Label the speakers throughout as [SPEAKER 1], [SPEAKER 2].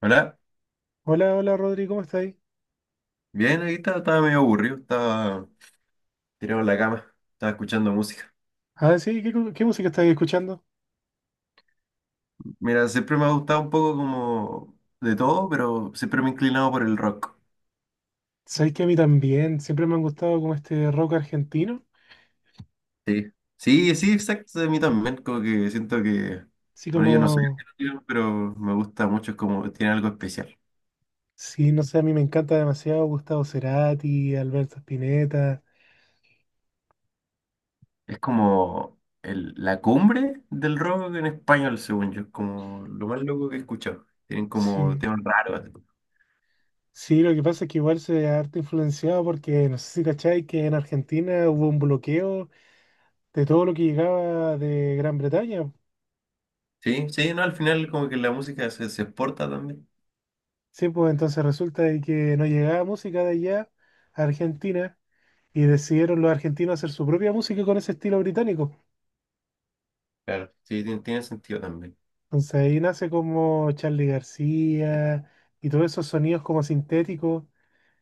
[SPEAKER 1] Hola,
[SPEAKER 2] Hola, hola Rodri, ¿cómo estáis?
[SPEAKER 1] bien, aquí estaba medio aburrido, estaba tirado en la cama, estaba escuchando música.
[SPEAKER 2] Ah, sí, ¿qué, qué música estáis escuchando?
[SPEAKER 1] Mira, siempre me ha gustado un poco como de todo, pero siempre me he inclinado por el rock.
[SPEAKER 2] Sabéis que a mí también, siempre me han gustado como este rock argentino,
[SPEAKER 1] Sí, sí, sí, exacto, de mí también, como que siento que,
[SPEAKER 2] así
[SPEAKER 1] bueno, yo no soy
[SPEAKER 2] como,
[SPEAKER 1] argentino, pero me gusta mucho, es como, tiene algo especial.
[SPEAKER 2] sí, no sé, a mí me encanta demasiado Gustavo Cerati, Alberto Spinetta,
[SPEAKER 1] Es como la cumbre del rock en español, según yo, es como lo más loco que he escuchado. Tienen como
[SPEAKER 2] sí,
[SPEAKER 1] temas raros.
[SPEAKER 2] sí, lo que pasa es que igual se ha harto influenciado porque, no sé si cacháis que en Argentina hubo un bloqueo de todo lo que llegaba de Gran Bretaña.
[SPEAKER 1] Sí, sí, no, al final como que la música se, se exporta también.
[SPEAKER 2] Sí, pues entonces resulta de que no llegaba música de allá a Argentina. Y decidieron los argentinos hacer su propia música con ese estilo británico.
[SPEAKER 1] Claro, sí, tiene sentido también.
[SPEAKER 2] Entonces ahí nace como Charly García y todos esos sonidos como sintéticos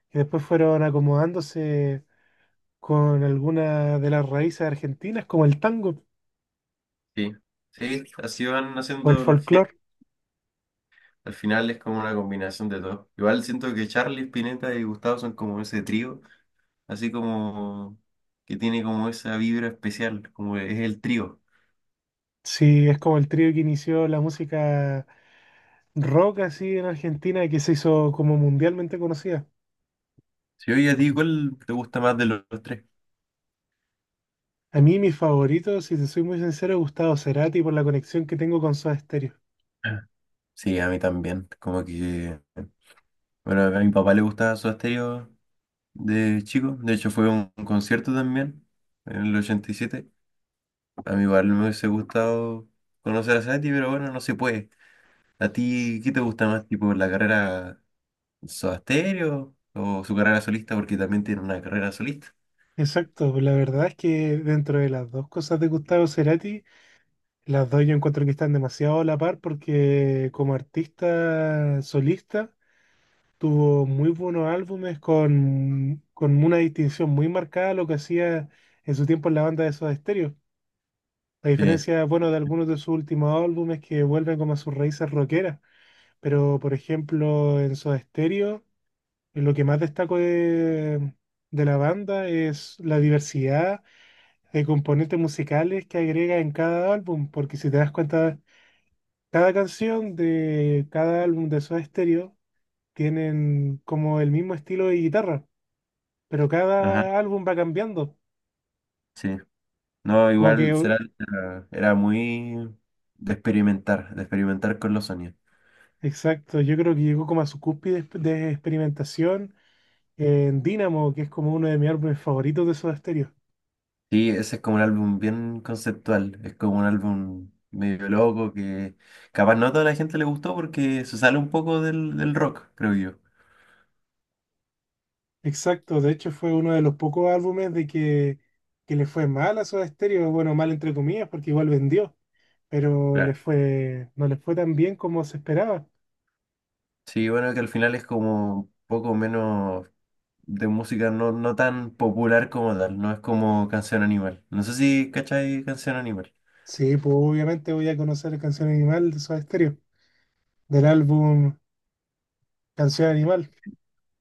[SPEAKER 2] que después fueron acomodándose con algunas de las raíces argentinas como el tango
[SPEAKER 1] Sí, sí, así van
[SPEAKER 2] o el
[SPEAKER 1] haciendo los genes.
[SPEAKER 2] folclore.
[SPEAKER 1] Al final es como una combinación de todo. Igual siento que Charlie, Spinetta y Gustavo son como ese trío, así como que tiene como esa vibra especial, como es el trío.
[SPEAKER 2] Sí, es como el trío que inició la música rock así en Argentina y que se hizo como mundialmente conocida.
[SPEAKER 1] Si oye, a ti, ¿cuál te gusta más de los tres?
[SPEAKER 2] A mí mi favorito, si te soy muy sincero, es Gustavo Cerati por la conexión que tengo con Soda Stereo.
[SPEAKER 1] Ah. Sí, a mí también. Como que, bueno, a mi papá le gustaba su Stereo de chico. De hecho, fue a un concierto también en el 87. A mí igual me hubiese gustado conocer a Sati, pero bueno, no se puede. ¿A ti qué te gusta más, tipo la carrera Soda Stereo o su carrera solista? Porque también tiene una carrera solista.
[SPEAKER 2] Exacto, la verdad es que dentro de las dos cosas de Gustavo Cerati, las dos yo encuentro que están demasiado a la par porque como artista solista tuvo muy buenos álbumes con una distinción muy marcada a lo que hacía en su tiempo en la banda de Soda Stereo. A
[SPEAKER 1] Sí,
[SPEAKER 2] diferencia, bueno, de algunos de sus últimos álbumes que vuelven como a sus raíces rockeras, pero por ejemplo en Soda Stereo lo que más destaco de la banda es la diversidad de componentes musicales que agrega en cada álbum, porque si te das cuenta, cada canción de cada álbum de Soda Stereo tienen como el mismo estilo de guitarra, pero
[SPEAKER 1] ajá,
[SPEAKER 2] cada álbum va cambiando.
[SPEAKER 1] sí. No,
[SPEAKER 2] Como que,
[SPEAKER 1] igual
[SPEAKER 2] u-
[SPEAKER 1] será, era muy de experimentar con los sonidos.
[SPEAKER 2] exacto, yo creo que llegó como a su cúspide de experimentación en Dynamo, que es como uno de mis álbumes favoritos de Soda Stereo.
[SPEAKER 1] Sí, ese es como un álbum bien conceptual, es como un álbum medio loco que capaz no a toda la gente le gustó porque se sale un poco del rock, creo yo.
[SPEAKER 2] Exacto, de hecho fue uno de los pocos álbumes que le fue mal a Soda Stereo, bueno, mal entre comillas, porque igual vendió. Pero le fue, no le fue tan bien como se esperaba.
[SPEAKER 1] Sí, bueno, que al final es como un poco menos de música no, no tan popular como tal, no es como Canción Animal. No sé si cachai Canción Animal.
[SPEAKER 2] Sí, pues obviamente voy a conocer Canción Animal de Soda Stereo, del álbum Canción Animal.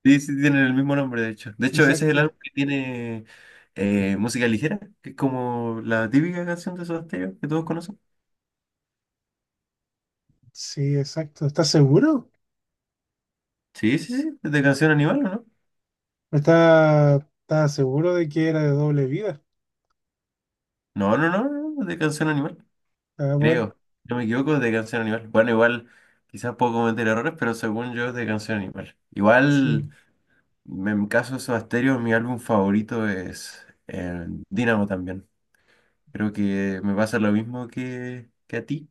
[SPEAKER 1] Sí, sí, tienen el mismo nombre, de hecho. De hecho, ese es el
[SPEAKER 2] Exacto.
[SPEAKER 1] álbum que tiene música ligera, que es como la típica canción de Soda Stereo que todos conocen.
[SPEAKER 2] Sí, exacto. ¿Estás seguro?
[SPEAKER 1] Sí, sí, sí, es de Canción Animal, ¿o no?
[SPEAKER 2] ¿Estás seguro de que era de Doble Vida?
[SPEAKER 1] No, no, no, no, no, es de Canción Animal,
[SPEAKER 2] Ah, bueno,
[SPEAKER 1] creo. Si no me equivoco, es de Canción Animal. Bueno, igual, quizás puedo cometer errores, pero según yo es de Canción Animal.
[SPEAKER 2] sí.
[SPEAKER 1] Igual. En caso de Soda Stereo, mi álbum favorito es Dynamo también. Creo que me pasa lo mismo que a ti,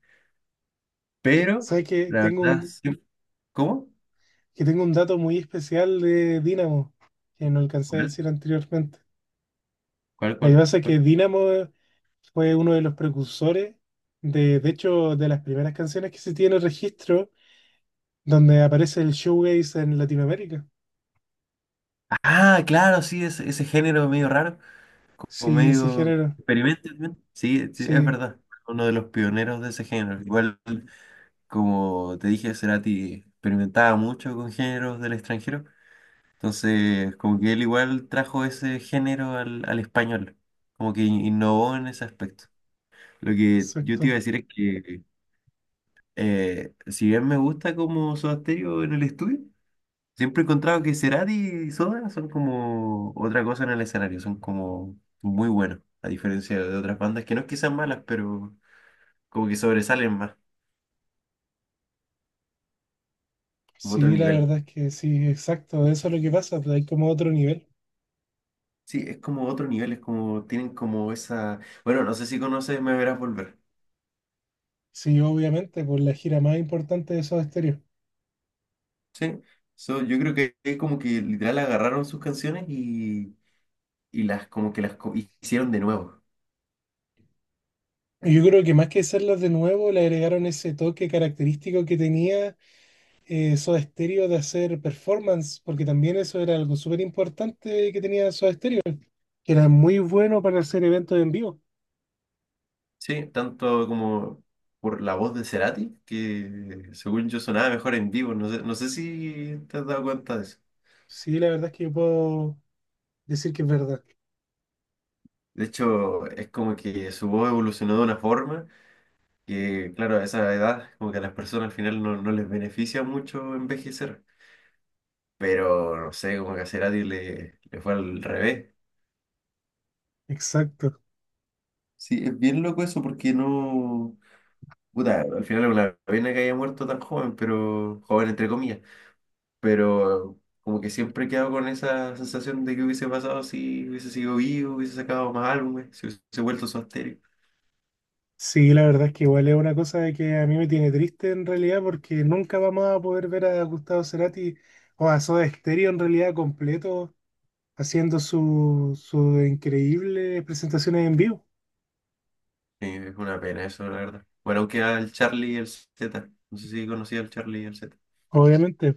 [SPEAKER 1] pero
[SPEAKER 2] ¿Sabes
[SPEAKER 1] la verdad, sí- ¿Cómo?
[SPEAKER 2] que tengo un dato muy especial de Dynamo que no alcancé a
[SPEAKER 1] ¿Cuál?
[SPEAKER 2] decir anteriormente?
[SPEAKER 1] ¿Cuál?
[SPEAKER 2] Lo que
[SPEAKER 1] ¿Cuál?
[SPEAKER 2] pasa es que
[SPEAKER 1] ¿Cuál?
[SPEAKER 2] Dynamo fue uno de los precursores de hecho, de las primeras canciones que se tiene registro donde aparece el showcase en Latinoamérica.
[SPEAKER 1] Ah, claro, sí, ese género medio raro o
[SPEAKER 2] Sí, ese
[SPEAKER 1] medio
[SPEAKER 2] género.
[SPEAKER 1] experimental, ¿no? Sí, sí, es
[SPEAKER 2] Sí,
[SPEAKER 1] verdad. Uno de los pioneros de ese género. Igual, como te dije, Cerati experimentaba mucho con géneros del extranjero. Entonces, como que él igual trajo ese género al español, como que innovó en ese aspecto. Lo que yo te iba
[SPEAKER 2] exacto.
[SPEAKER 1] a decir es que, si bien me gusta como Soda Stereo en el estudio, siempre he encontrado que Cerati y Soda son como otra cosa en el escenario, son como muy buenos, a diferencia de otras bandas que no es que sean malas, pero como que sobresalen más, como otro
[SPEAKER 2] Sí, la
[SPEAKER 1] nivel.
[SPEAKER 2] verdad es que sí, exacto. Eso es lo que pasa. Pues hay como otro nivel.
[SPEAKER 1] Sí, es como otro nivel, tienen como esa, bueno, no sé si conoces Me Verás Volver.
[SPEAKER 2] Sí, obviamente, por la gira más importante de Soda Stereo.
[SPEAKER 1] Sí, so, yo creo que es como que literal agarraron sus canciones y las como que las hicieron de nuevo.
[SPEAKER 2] Y yo creo que más que hacerlos de nuevo, le agregaron ese toque característico que tenía Soda Stereo de hacer performance, porque también eso era algo súper importante que tenía Soda Stereo, que era muy bueno para hacer eventos en vivo.
[SPEAKER 1] Sí, tanto como por la voz de Cerati, que según yo sonaba mejor en vivo, no sé, no sé si te has dado cuenta de eso.
[SPEAKER 2] Sí, la verdad es que yo puedo decir que es verdad.
[SPEAKER 1] De hecho, es como que su voz evolucionó de una forma que, claro, a esa edad, como que a las personas al final no, no les beneficia mucho envejecer. Pero, no sé, como que a Cerati le fue al revés.
[SPEAKER 2] Exacto.
[SPEAKER 1] Sí, es bien loco eso porque no. Puta, al final es una pena que haya muerto tan joven, pero joven entre comillas, pero como que siempre he quedado con esa sensación de que hubiese pasado si hubiese sido vivo, hubiese sacado más álbumes, si hubiese vuelto su estéreo.
[SPEAKER 2] Sí, la verdad es que igual es una cosa de que a mí me tiene triste en realidad porque nunca vamos a poder ver a Gustavo Cerati o a Soda Stereo en realidad completo haciendo sus increíbles presentaciones en vivo,
[SPEAKER 1] Sí, es una pena eso, la verdad. Bueno, aunque al Charlie y el Z, no sé si conocía al Charlie y el Z,
[SPEAKER 2] obviamente.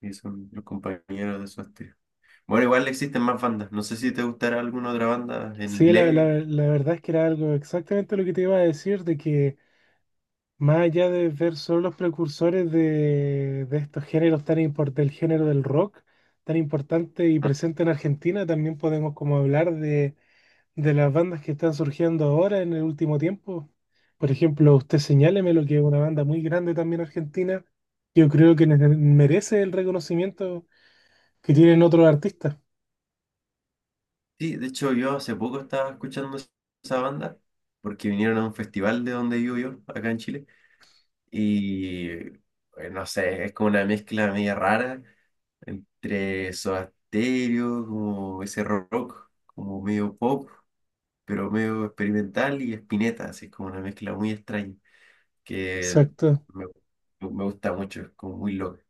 [SPEAKER 1] y son los compañeros de su estéreo. Bueno, igual existen más bandas, no sé si te gustará alguna otra banda en
[SPEAKER 2] Sí,
[SPEAKER 1] inglés.
[SPEAKER 2] la verdad es que era algo exactamente lo que te iba a decir, de que más allá de ver solo los precursores de estos géneros tan impor- del género del rock tan importante y presente en Argentina, también podemos como hablar de las bandas que están surgiendo ahora en el último tiempo. Por ejemplo, usted señáleme lo que es una banda muy grande también argentina. Yo creo que merece el reconocimiento que tienen otros artistas.
[SPEAKER 1] Sí, de hecho yo hace poco estaba escuchando esa banda porque vinieron a un festival de donde vivo yo, acá en Chile, y no sé, es como una mezcla media rara entre Soda Stereo, como ese rock, como medio pop, pero medio experimental y Spinetta, así es como una mezcla muy extraña que
[SPEAKER 2] Exacto.
[SPEAKER 1] me, me gusta mucho, es como muy loca,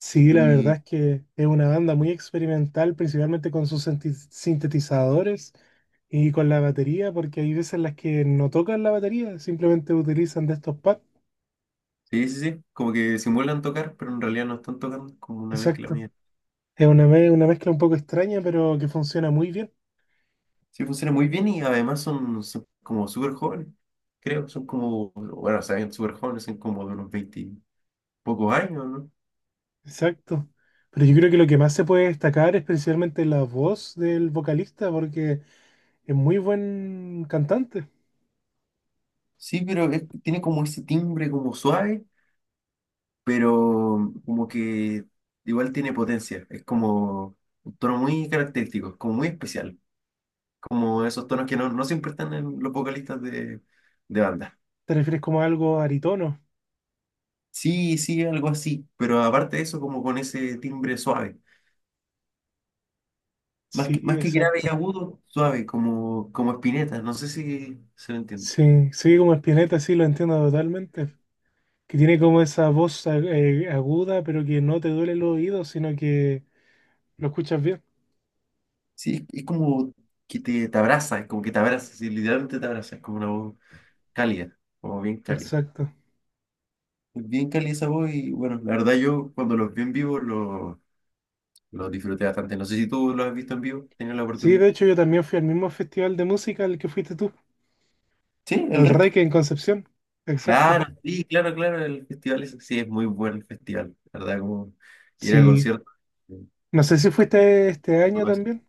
[SPEAKER 2] Sí, la verdad
[SPEAKER 1] muy.
[SPEAKER 2] es que es una banda muy experimental, principalmente con sus sintetizadores y con la batería, porque hay veces en las que no tocan la batería, simplemente utilizan de estos pads.
[SPEAKER 1] Sí, sí, sí, como que simulan tocar, pero en realidad no están tocando, es como una mezcla
[SPEAKER 2] Exacto.
[SPEAKER 1] media.
[SPEAKER 2] Es una, una mezcla un poco extraña, pero que funciona muy bien.
[SPEAKER 1] Sí, funciona muy bien y además son como súper jóvenes, creo. Son como, bueno, saben, súper jóvenes, son como de unos 20 y pocos años, ¿no?
[SPEAKER 2] Exacto. Pero yo creo que lo que más se puede destacar es precisamente la voz del vocalista, porque es muy buen cantante.
[SPEAKER 1] Sí, pero tiene como ese timbre como suave, pero como que igual tiene potencia. Es como un tono muy característico, es como muy especial. Como esos tonos que no, no siempre están en los vocalistas de banda.
[SPEAKER 2] ¿Te refieres como a algo aritono?
[SPEAKER 1] Sí, sí, algo así, pero aparte de eso, como con ese timbre suave.
[SPEAKER 2] Sí,
[SPEAKER 1] Más que grave y
[SPEAKER 2] exacto.
[SPEAKER 1] agudo, suave, como Spinetta. No sé si se lo entiende.
[SPEAKER 2] Sí, sí, como Spinetta, sí, lo entiendo totalmente. Que tiene como esa voz aguda, pero que no te duele los oídos, sino que lo escuchas bien.
[SPEAKER 1] Sí, es como que te abraza, es como que te abraza, sí, literalmente te abraza, es como una voz cálida, como bien cálida.
[SPEAKER 2] Exacto.
[SPEAKER 1] Es bien cálida esa voz y bueno, la verdad yo cuando los vi en vivo los disfruté bastante. No sé si tú los has visto en vivo, tenido la
[SPEAKER 2] Sí,
[SPEAKER 1] oportunidad.
[SPEAKER 2] de hecho yo también fui al mismo festival de música al que fuiste tú,
[SPEAKER 1] Sí, el
[SPEAKER 2] al
[SPEAKER 1] REC.
[SPEAKER 2] Reike en Concepción. Exacto.
[SPEAKER 1] Claro, sí, claro, claro, el festival es, sí, es muy buen el festival, la verdad. Como ir a
[SPEAKER 2] Sí.
[SPEAKER 1] conciertos.
[SPEAKER 2] No sé si fuiste este año también.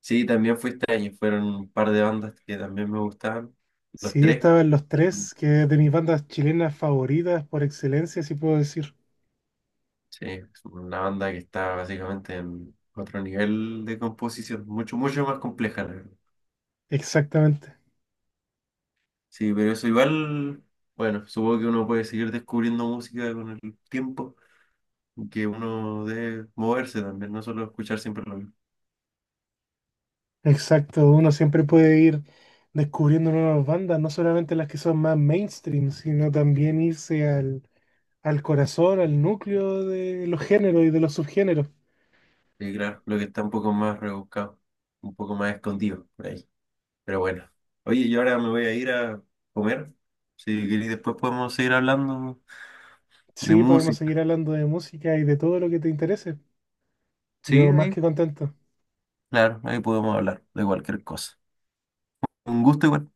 [SPEAKER 1] Sí, también fui este año, fueron un par de bandas que también me gustaban, los
[SPEAKER 2] Sí,
[SPEAKER 1] tres.
[SPEAKER 2] estaban Los Tres, que es de mis bandas chilenas favoritas por excelencia, si puedo decir.
[SPEAKER 1] Sí, es una banda que está básicamente en otro nivel de composición, mucho, mucho más compleja, la verdad.
[SPEAKER 2] Exactamente,
[SPEAKER 1] Sí, pero eso igual, bueno, supongo que uno puede seguir descubriendo música con el tiempo, y que uno debe moverse también, no solo escuchar siempre lo mismo.
[SPEAKER 2] exacto. Uno siempre puede ir descubriendo nuevas bandas, no solamente las que son más mainstream, sino también irse al, al corazón, al núcleo de los géneros y de los subgéneros.
[SPEAKER 1] Y claro, lo que está un poco más rebuscado, un poco más escondido por ahí. Pero bueno, oye, yo ahora me voy a ir a comer, si queréis después podemos seguir hablando de
[SPEAKER 2] Sí, podemos
[SPEAKER 1] música.
[SPEAKER 2] seguir hablando de música y de todo lo que te interese.
[SPEAKER 1] Sí,
[SPEAKER 2] Yo más
[SPEAKER 1] ahí,
[SPEAKER 2] que contento.
[SPEAKER 1] claro, ahí podemos hablar de cualquier cosa. Un gusto igual.